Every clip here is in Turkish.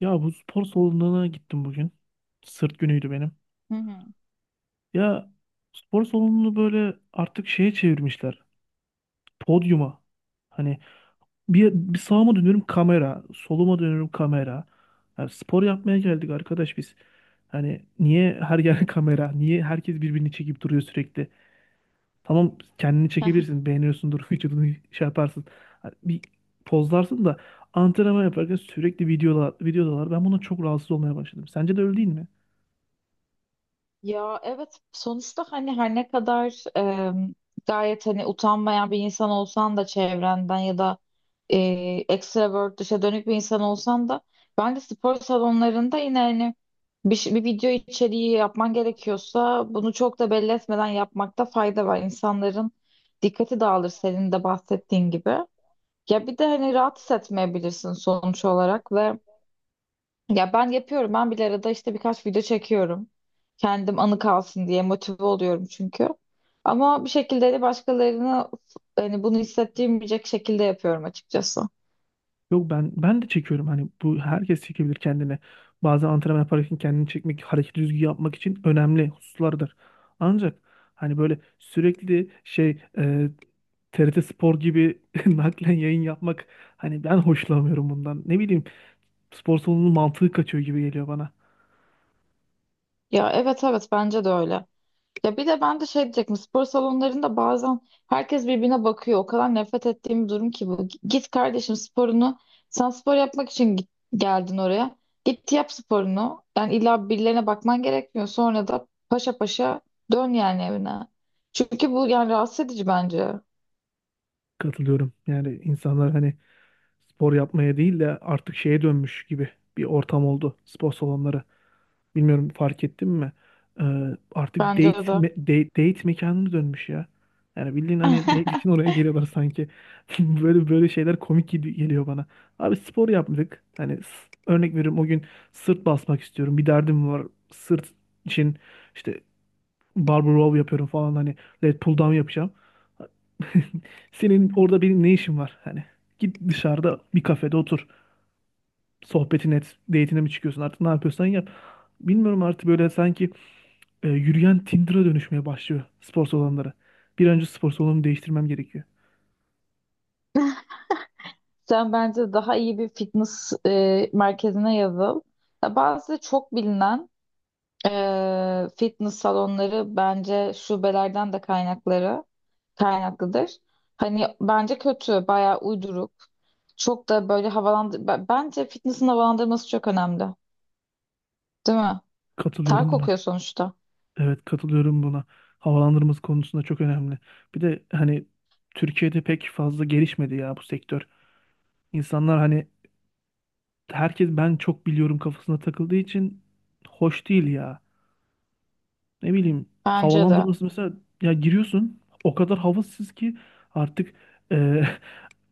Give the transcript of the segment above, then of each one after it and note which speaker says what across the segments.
Speaker 1: Ya bu spor salonuna gittim bugün. Sırt günüydü benim.
Speaker 2: Hı hı.
Speaker 1: Ya spor salonunu böyle artık şeye çevirmişler. Podyuma. Hani bir sağıma dönüyorum kamera. Soluma dönüyorum kamera. Yani spor yapmaya geldik arkadaş biz. Hani niye her yer kamera? Niye herkes birbirini çekip duruyor sürekli? Tamam kendini çekebilirsin. Beğeniyorsundur. Vücudunu şey yaparsın. Hani bir pozlarsın da antrenman yaparken sürekli videodalar. Ben buna çok rahatsız olmaya başladım. Sence de öyle değil mi?
Speaker 2: Ya evet sonuçta hani her ne kadar gayet hani utanmayan bir insan olsan da çevrenden ya da e, extrovert dışa dönük bir insan olsan da bence spor salonlarında yine hani bir video içeriği yapman gerekiyorsa bunu çok da belli etmeden yapmakta fayda var. İnsanların dikkati dağılır senin de bahsettiğin gibi. Ya bir de hani rahat hissetmeyebilirsin sonuç olarak ve ya ben yapıyorum. Ben bile arada işte birkaç video çekiyorum. Kendim anı kalsın diye motive oluyorum çünkü. Ama bir şekilde de başkalarını hani bunu hissettirmeyecek şekilde yapıyorum açıkçası.
Speaker 1: Yok ben de çekiyorum hani bu herkes çekebilir kendini. Bazen antrenman yaparken kendini çekmek, hareket düzgün yapmak için önemli hususlardır. Ancak hani böyle sürekli TRT Spor gibi naklen yayın yapmak hani ben hoşlanmıyorum bundan. Ne bileyim spor salonunun mantığı kaçıyor gibi geliyor bana.
Speaker 2: Ya evet bence de öyle. Ya bir de ben de şey diyecektim spor salonlarında bazen herkes birbirine bakıyor. O kadar nefret ettiğim bir durum ki bu. Git kardeşim sporunu. Sen spor yapmak için git- Geldin oraya. Git yap sporunu. Yani illa birilerine bakman gerekmiyor. Sonra da paşa paşa dön yani evine. Çünkü bu yani rahatsız edici bence.
Speaker 1: Katılıyorum. Yani insanlar hani spor yapmaya değil de artık şeye dönmüş gibi bir ortam oldu spor salonları. Bilmiyorum fark ettin mi? Ee, Artık date,
Speaker 2: Bence de.
Speaker 1: me- date date mekanına dönmüş ya. Yani bildiğin hani date için oraya geliyorlar sanki. Böyle böyle şeyler komik gibi geliyor bana. Abi spor yapmadık. Hani örnek veriyorum o gün sırt basmak istiyorum. Bir derdim var. Sırt için işte barbell row yapıyorum falan hani lat pull down yapacağım. Senin orada benim ne işim var? Hani git dışarıda bir kafede otur. Sohbetin et date'ine mi çıkıyorsun artık ne yapıyorsan yap. Bilmiyorum artık böyle sanki yürüyen Tinder'a dönüşmeye başlıyor spor salonları. Bir an önce spor salonumu değiştirmem gerekiyor.
Speaker 2: Sen bence daha iyi bir fitness merkezine yazıl. Ya bazı çok bilinen fitness salonları bence şubelerden de kaynakları kaynaklıdır. Hani bence kötü, bayağı uyduruk. Çok da böyle havalandır... B- Bence fitness'ın havalandırması çok önemli. Değil mi? Ter
Speaker 1: Katılıyorum buna.
Speaker 2: kokuyor sonuçta.
Speaker 1: Evet katılıyorum buna. Havalandırması konusunda çok önemli. Bir de hani Türkiye'de pek fazla gelişmedi ya bu sektör. İnsanlar hani herkes ben çok biliyorum kafasına takıldığı için hoş değil ya. Ne bileyim
Speaker 2: Bence de.
Speaker 1: havalandırması mesela ya giriyorsun o kadar havasız ki artık e,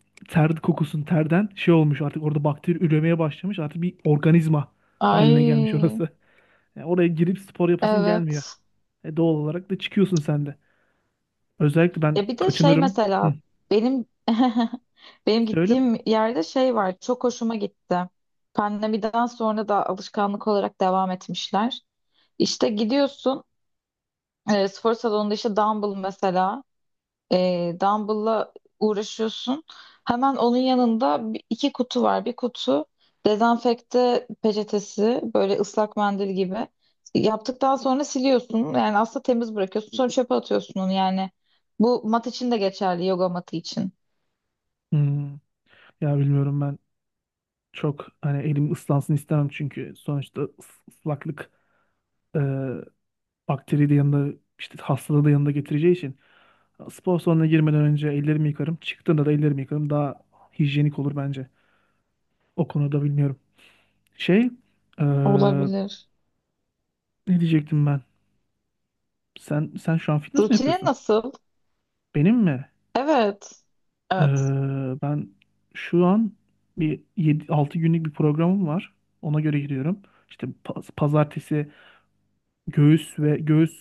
Speaker 1: ter kokusun terden şey olmuş artık orada bakteri üremeye başlamış artık bir organizma haline gelmiş
Speaker 2: Ay,
Speaker 1: orası. Yani oraya girip spor yapasın gelmiyor.
Speaker 2: evet.
Speaker 1: Doğal olarak da çıkıyorsun sen de. Özellikle ben
Speaker 2: Ya bir de şey
Speaker 1: kaçınırım. Hı.
Speaker 2: mesela benim benim
Speaker 1: Söyle.
Speaker 2: gittiğim yerde şey var. Çok hoşuma gitti. Pandemiden sonra da alışkanlık olarak devam etmişler. İşte gidiyorsun. Spor salonunda işte dumbbell mesela dumbbell'la uğraşıyorsun. Hemen onun yanında iki kutu var. Bir kutu dezenfekte peçetesi böyle ıslak mendil gibi. Yaptıktan sonra siliyorsun. Yani aslında temiz bırakıyorsun. Sonra çöpe atıyorsun onu yani. Bu mat için de geçerli, yoga matı için.
Speaker 1: Hmm. Ya bilmiyorum ben çok hani elim ıslansın istemem, çünkü sonuçta ıslaklık e, bakteriyi de yanında işte hastalığı da yanında getireceği için spor salonuna girmeden önce ellerimi yıkarım. Çıktığımda da ellerimi yıkarım. Daha hijyenik olur bence. O konuda bilmiyorum. Şey e,
Speaker 2: Olabilir.
Speaker 1: Ne diyecektim ben? Sen şu an fitness mi
Speaker 2: Rutine
Speaker 1: yapıyorsun?
Speaker 2: nasıl?
Speaker 1: Benim mi?
Speaker 2: Evet.
Speaker 1: E,
Speaker 2: Evet.
Speaker 1: Ben şu an bir 7, 6 günlük bir programım var. Ona göre gidiyorum. İşte pazartesi göğüs ve göğüs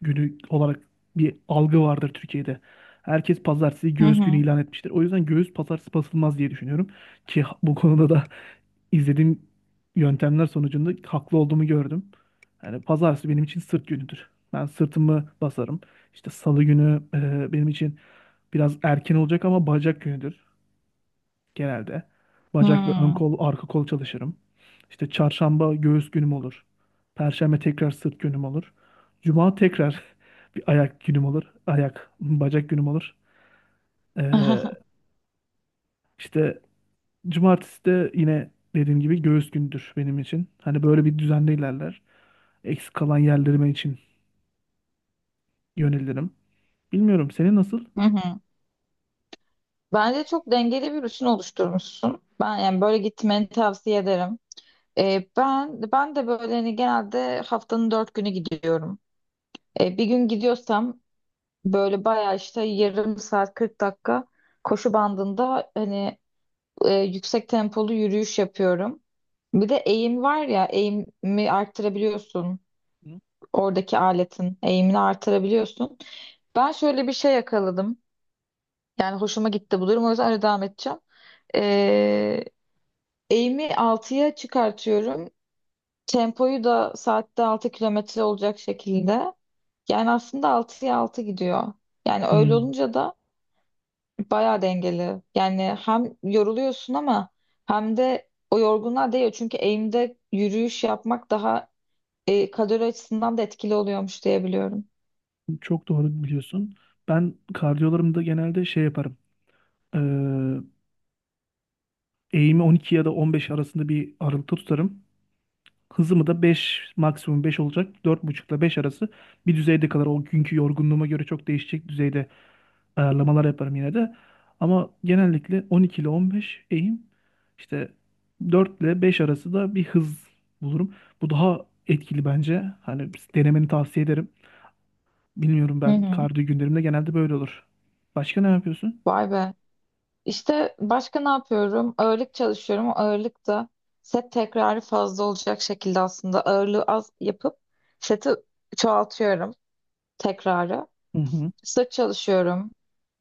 Speaker 1: günü olarak bir algı vardır Türkiye'de. Herkes pazartesi
Speaker 2: Hı
Speaker 1: göğüs günü
Speaker 2: hı.
Speaker 1: ilan etmiştir. O yüzden göğüs pazartesi basılmaz diye düşünüyorum. Ki bu konuda da izlediğim yöntemler sonucunda haklı olduğumu gördüm. Yani pazartesi benim için sırt günüdür. Ben sırtımı basarım. İşte salı günü benim için biraz erken olacak ama bacak günüdür genelde. Bacak ve ön
Speaker 2: Hmm.
Speaker 1: kol, arka kol çalışırım. İşte çarşamba göğüs günüm olur. Perşembe tekrar sırt günüm olur. Cuma tekrar bir ayak günüm olur. Ayak, bacak günüm olur. Ee, işte cumartesi de yine dediğim gibi göğüs gündür benim için. Hani böyle bir düzende ilerler. Eksik kalan yerlerime için yönelirim. Bilmiyorum senin nasıl?
Speaker 2: Hı hı. Bence çok dengeli bir rutin oluşturmuşsun. Ben yani böyle gitmeni tavsiye ederim. Ben de böyle hani genelde haftanın dört günü gidiyorum. Bir gün gidiyorsam böyle bayağı işte yarım saat 40 dakika koşu bandında hani yüksek tempolu yürüyüş yapıyorum. Bir de eğim var ya eğimi arttırabiliyorsun. Oradaki aletin eğimini artırabiliyorsun. Ben şöyle bir şey yakaladım. Yani hoşuma gitti bu durum. O yüzden öyle devam edeceğim. Ee, Eğimi altıya çıkartıyorum. Tempoyu da saatte 6 kilometre olacak şekilde. Yani aslında altıya 6 gidiyor. Yani öyle
Speaker 1: Hmm,
Speaker 2: olunca da bayağı dengeli. Yani hem yoruluyorsun ama hem de o yorgunluğa değiyor. Çünkü eğimde yürüyüş yapmak daha kalori açısından da etkili oluyormuş diye biliyorum.
Speaker 1: Çok doğru biliyorsun. Ben kardiyolarımda genelde şey yaparım. Eğimi 12 ya da 15 arasında bir aralıkta tutarım. Hızımı da 5 maksimum 5 olacak. 4,5 ile 5 arası bir düzeyde kadar o günkü yorgunluğuma göre çok değişecek düzeyde ayarlamalar yaparım yine de. Ama genellikle 12 ile 15 eğim işte 4 ile 5 arası da bir hız bulurum. Bu daha etkili bence. Hani denemeni tavsiye ederim. Bilmiyorum,
Speaker 2: Hı
Speaker 1: ben
Speaker 2: hı.
Speaker 1: kardiyo günlerimde genelde böyle olur. Başka ne yapıyorsun?
Speaker 2: Vay be. İşte başka ne yapıyorum? Ağırlık çalışıyorum. O ağırlık da set tekrarı fazla olacak şekilde aslında ağırlığı az yapıp seti çoğaltıyorum tekrarı.
Speaker 1: Hı hı.
Speaker 2: Sırt çalışıyorum.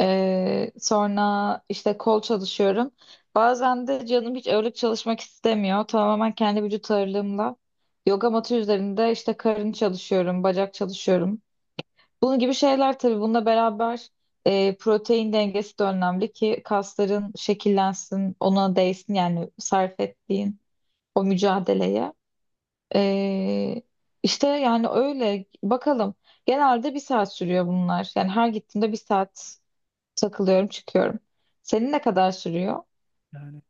Speaker 2: Sonra işte kol çalışıyorum. Bazen de canım hiç ağırlık çalışmak istemiyor. Tamamen kendi vücut ağırlığımla. Yoga matı üzerinde işte karın çalışıyorum, bacak çalışıyorum. Bunun gibi şeyler tabii bununla beraber protein dengesi de önemli ki kasların şekillensin, ona değsin yani sarf ettiğin o mücadeleye. E, işte yani öyle bakalım. Genelde bir saat sürüyor bunlar. Yani her gittiğimde bir saat takılıyorum, çıkıyorum. Senin ne kadar sürüyor?
Speaker 1: Yani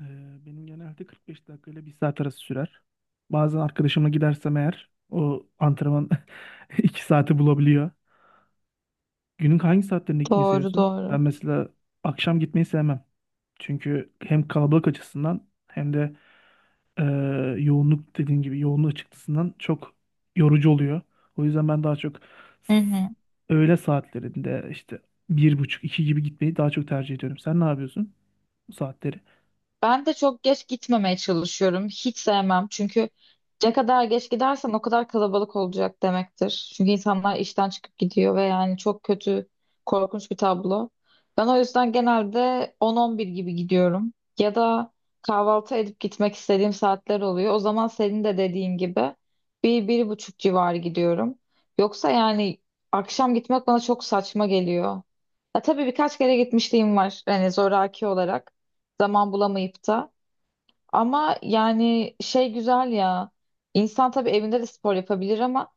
Speaker 1: Ee, benim genelde 45 dakika ile bir saat arası sürer. Bazen arkadaşımla gidersem eğer o antrenman 2 saati bulabiliyor. Günün hangi saatlerinde gitmeyi
Speaker 2: Doğru,
Speaker 1: seviyorsun?
Speaker 2: doğru.
Speaker 1: Ben mesela akşam gitmeyi sevmem. Çünkü hem kalabalık açısından hem de e, yoğunluk dediğin gibi yoğunluk çıktısından çok yorucu oluyor. O yüzden ben daha çok
Speaker 2: Hı
Speaker 1: s-
Speaker 2: hı.
Speaker 1: öğle saatlerinde işte bir buçuk iki gibi gitmeyi daha çok tercih ediyorum. Sen ne yapıyorsun bu saatleri?
Speaker 2: Ben de çok geç gitmemeye çalışıyorum. Hiç sevmem. Çünkü ne kadar geç gidersen o kadar kalabalık olacak demektir. Çünkü insanlar işten çıkıp gidiyor ve yani çok kötü, korkunç bir tablo. Ben o yüzden genelde 10-11 gibi gidiyorum. Ya da kahvaltı edip gitmek istediğim saatler oluyor. O zaman senin de dediğin gibi bir, bir buçuk civarı gidiyorum. Yoksa yani akşam gitmek bana çok saçma geliyor. Ya tabii birkaç kere gitmişliğim var hani zoraki olarak zaman bulamayıp da ama yani şey güzel ya insan tabii evinde de spor yapabilir ama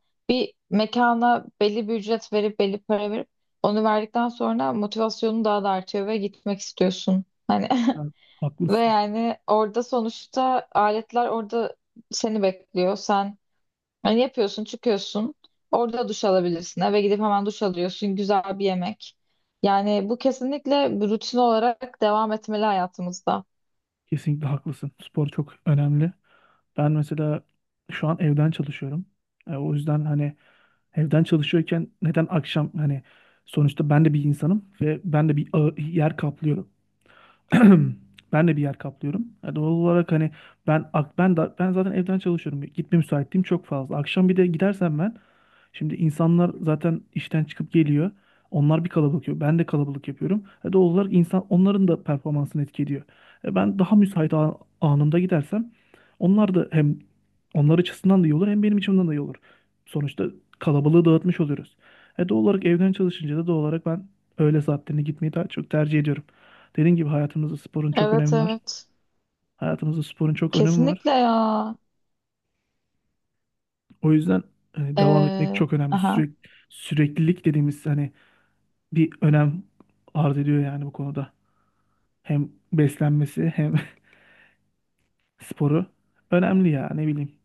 Speaker 2: mekana belli bir ücret verip belli para verip onu verdikten sonra motivasyonu daha da artıyor ve gitmek istiyorsun hani.
Speaker 1: Yani
Speaker 2: Ve
Speaker 1: haklısın.
Speaker 2: yani orada sonuçta aletler orada seni bekliyor sen yani yapıyorsun, çıkıyorsun. Orada duş alabilirsin. Eve gidip hemen duş alıyorsun. Güzel bir yemek. Yani bu kesinlikle bir rutin olarak devam etmeli hayatımızda.
Speaker 1: Kesinlikle haklısın. Spor çok önemli. Ben mesela şu an evden çalışıyorum. O yüzden hani evden çalışıyorken neden akşam hani sonuçta ben de bir insanım ve ben de bir yer kaplıyorum. Ben de bir yer kaplıyorum. Yani doğal olarak hani ben ak- ben da, ben zaten evden çalışıyorum. Gitme müsaitliğim çok fazla. Akşam bir de gidersem ben şimdi insanlar zaten işten çıkıp geliyor. Onlar bir kalabalık yapıyor. Ben de kalabalık yapıyorum. Doğal olarak insan onların da performansını etkiliyor. Ben daha müsait anımda gidersem onlar da hem onlar açısından da iyi olur hem benim açımdan da iyi olur. Sonuçta kalabalığı dağıtmış oluyoruz. Doğal olarak evden çalışınca da doğal olarak ben öğle saatlerine gitmeyi daha çok tercih ediyorum. Dediğim gibi hayatımızda sporun çok
Speaker 2: Evet
Speaker 1: önemi var.
Speaker 2: evet.
Speaker 1: Hayatımızda sporun çok önemi var.
Speaker 2: Kesinlikle ya.
Speaker 1: O yüzden hani devam etmek
Speaker 2: Ee,
Speaker 1: çok önemli.
Speaker 2: aha.
Speaker 1: Süreklilik dediğimiz hani bir önem arz ediyor yani bu konuda. Hem beslenmesi hem sporu önemli ya ne bileyim.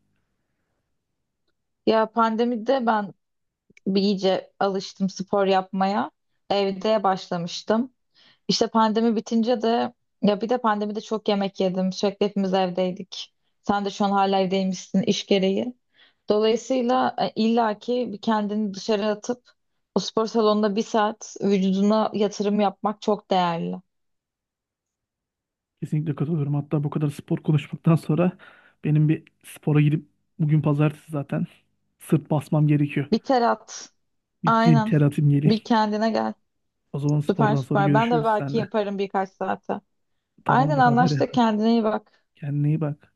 Speaker 2: Ya pandemide ben bir iyice alıştım spor yapmaya. Evde başlamıştım. İşte pandemi bitince de ya bir de pandemide çok yemek yedim. Sürekli hepimiz evdeydik. Sen de şu an hala evdeymişsin iş gereği. Dolayısıyla illaki bir kendini dışarı atıp o spor salonunda bir saat vücuduna yatırım yapmak çok değerli.
Speaker 1: Kesinlikle katılıyorum. Hatta bu kadar spor konuşmaktan sonra benim bir spora gidip bugün pazartesi zaten sırt basmam gerekiyor.
Speaker 2: Bir ter at.
Speaker 1: Bir gideyim
Speaker 2: Aynen.
Speaker 1: ter atayım geleyim.
Speaker 2: Bir kendine gel.
Speaker 1: O zaman
Speaker 2: Süper
Speaker 1: spordan sonra
Speaker 2: süper. Ben de
Speaker 1: görüşürüz
Speaker 2: belki
Speaker 1: seninle.
Speaker 2: yaparım birkaç saate. Aynen
Speaker 1: Tamamdır haber ya.
Speaker 2: anlaştık. Kendine iyi bak.
Speaker 1: Kendine iyi bak.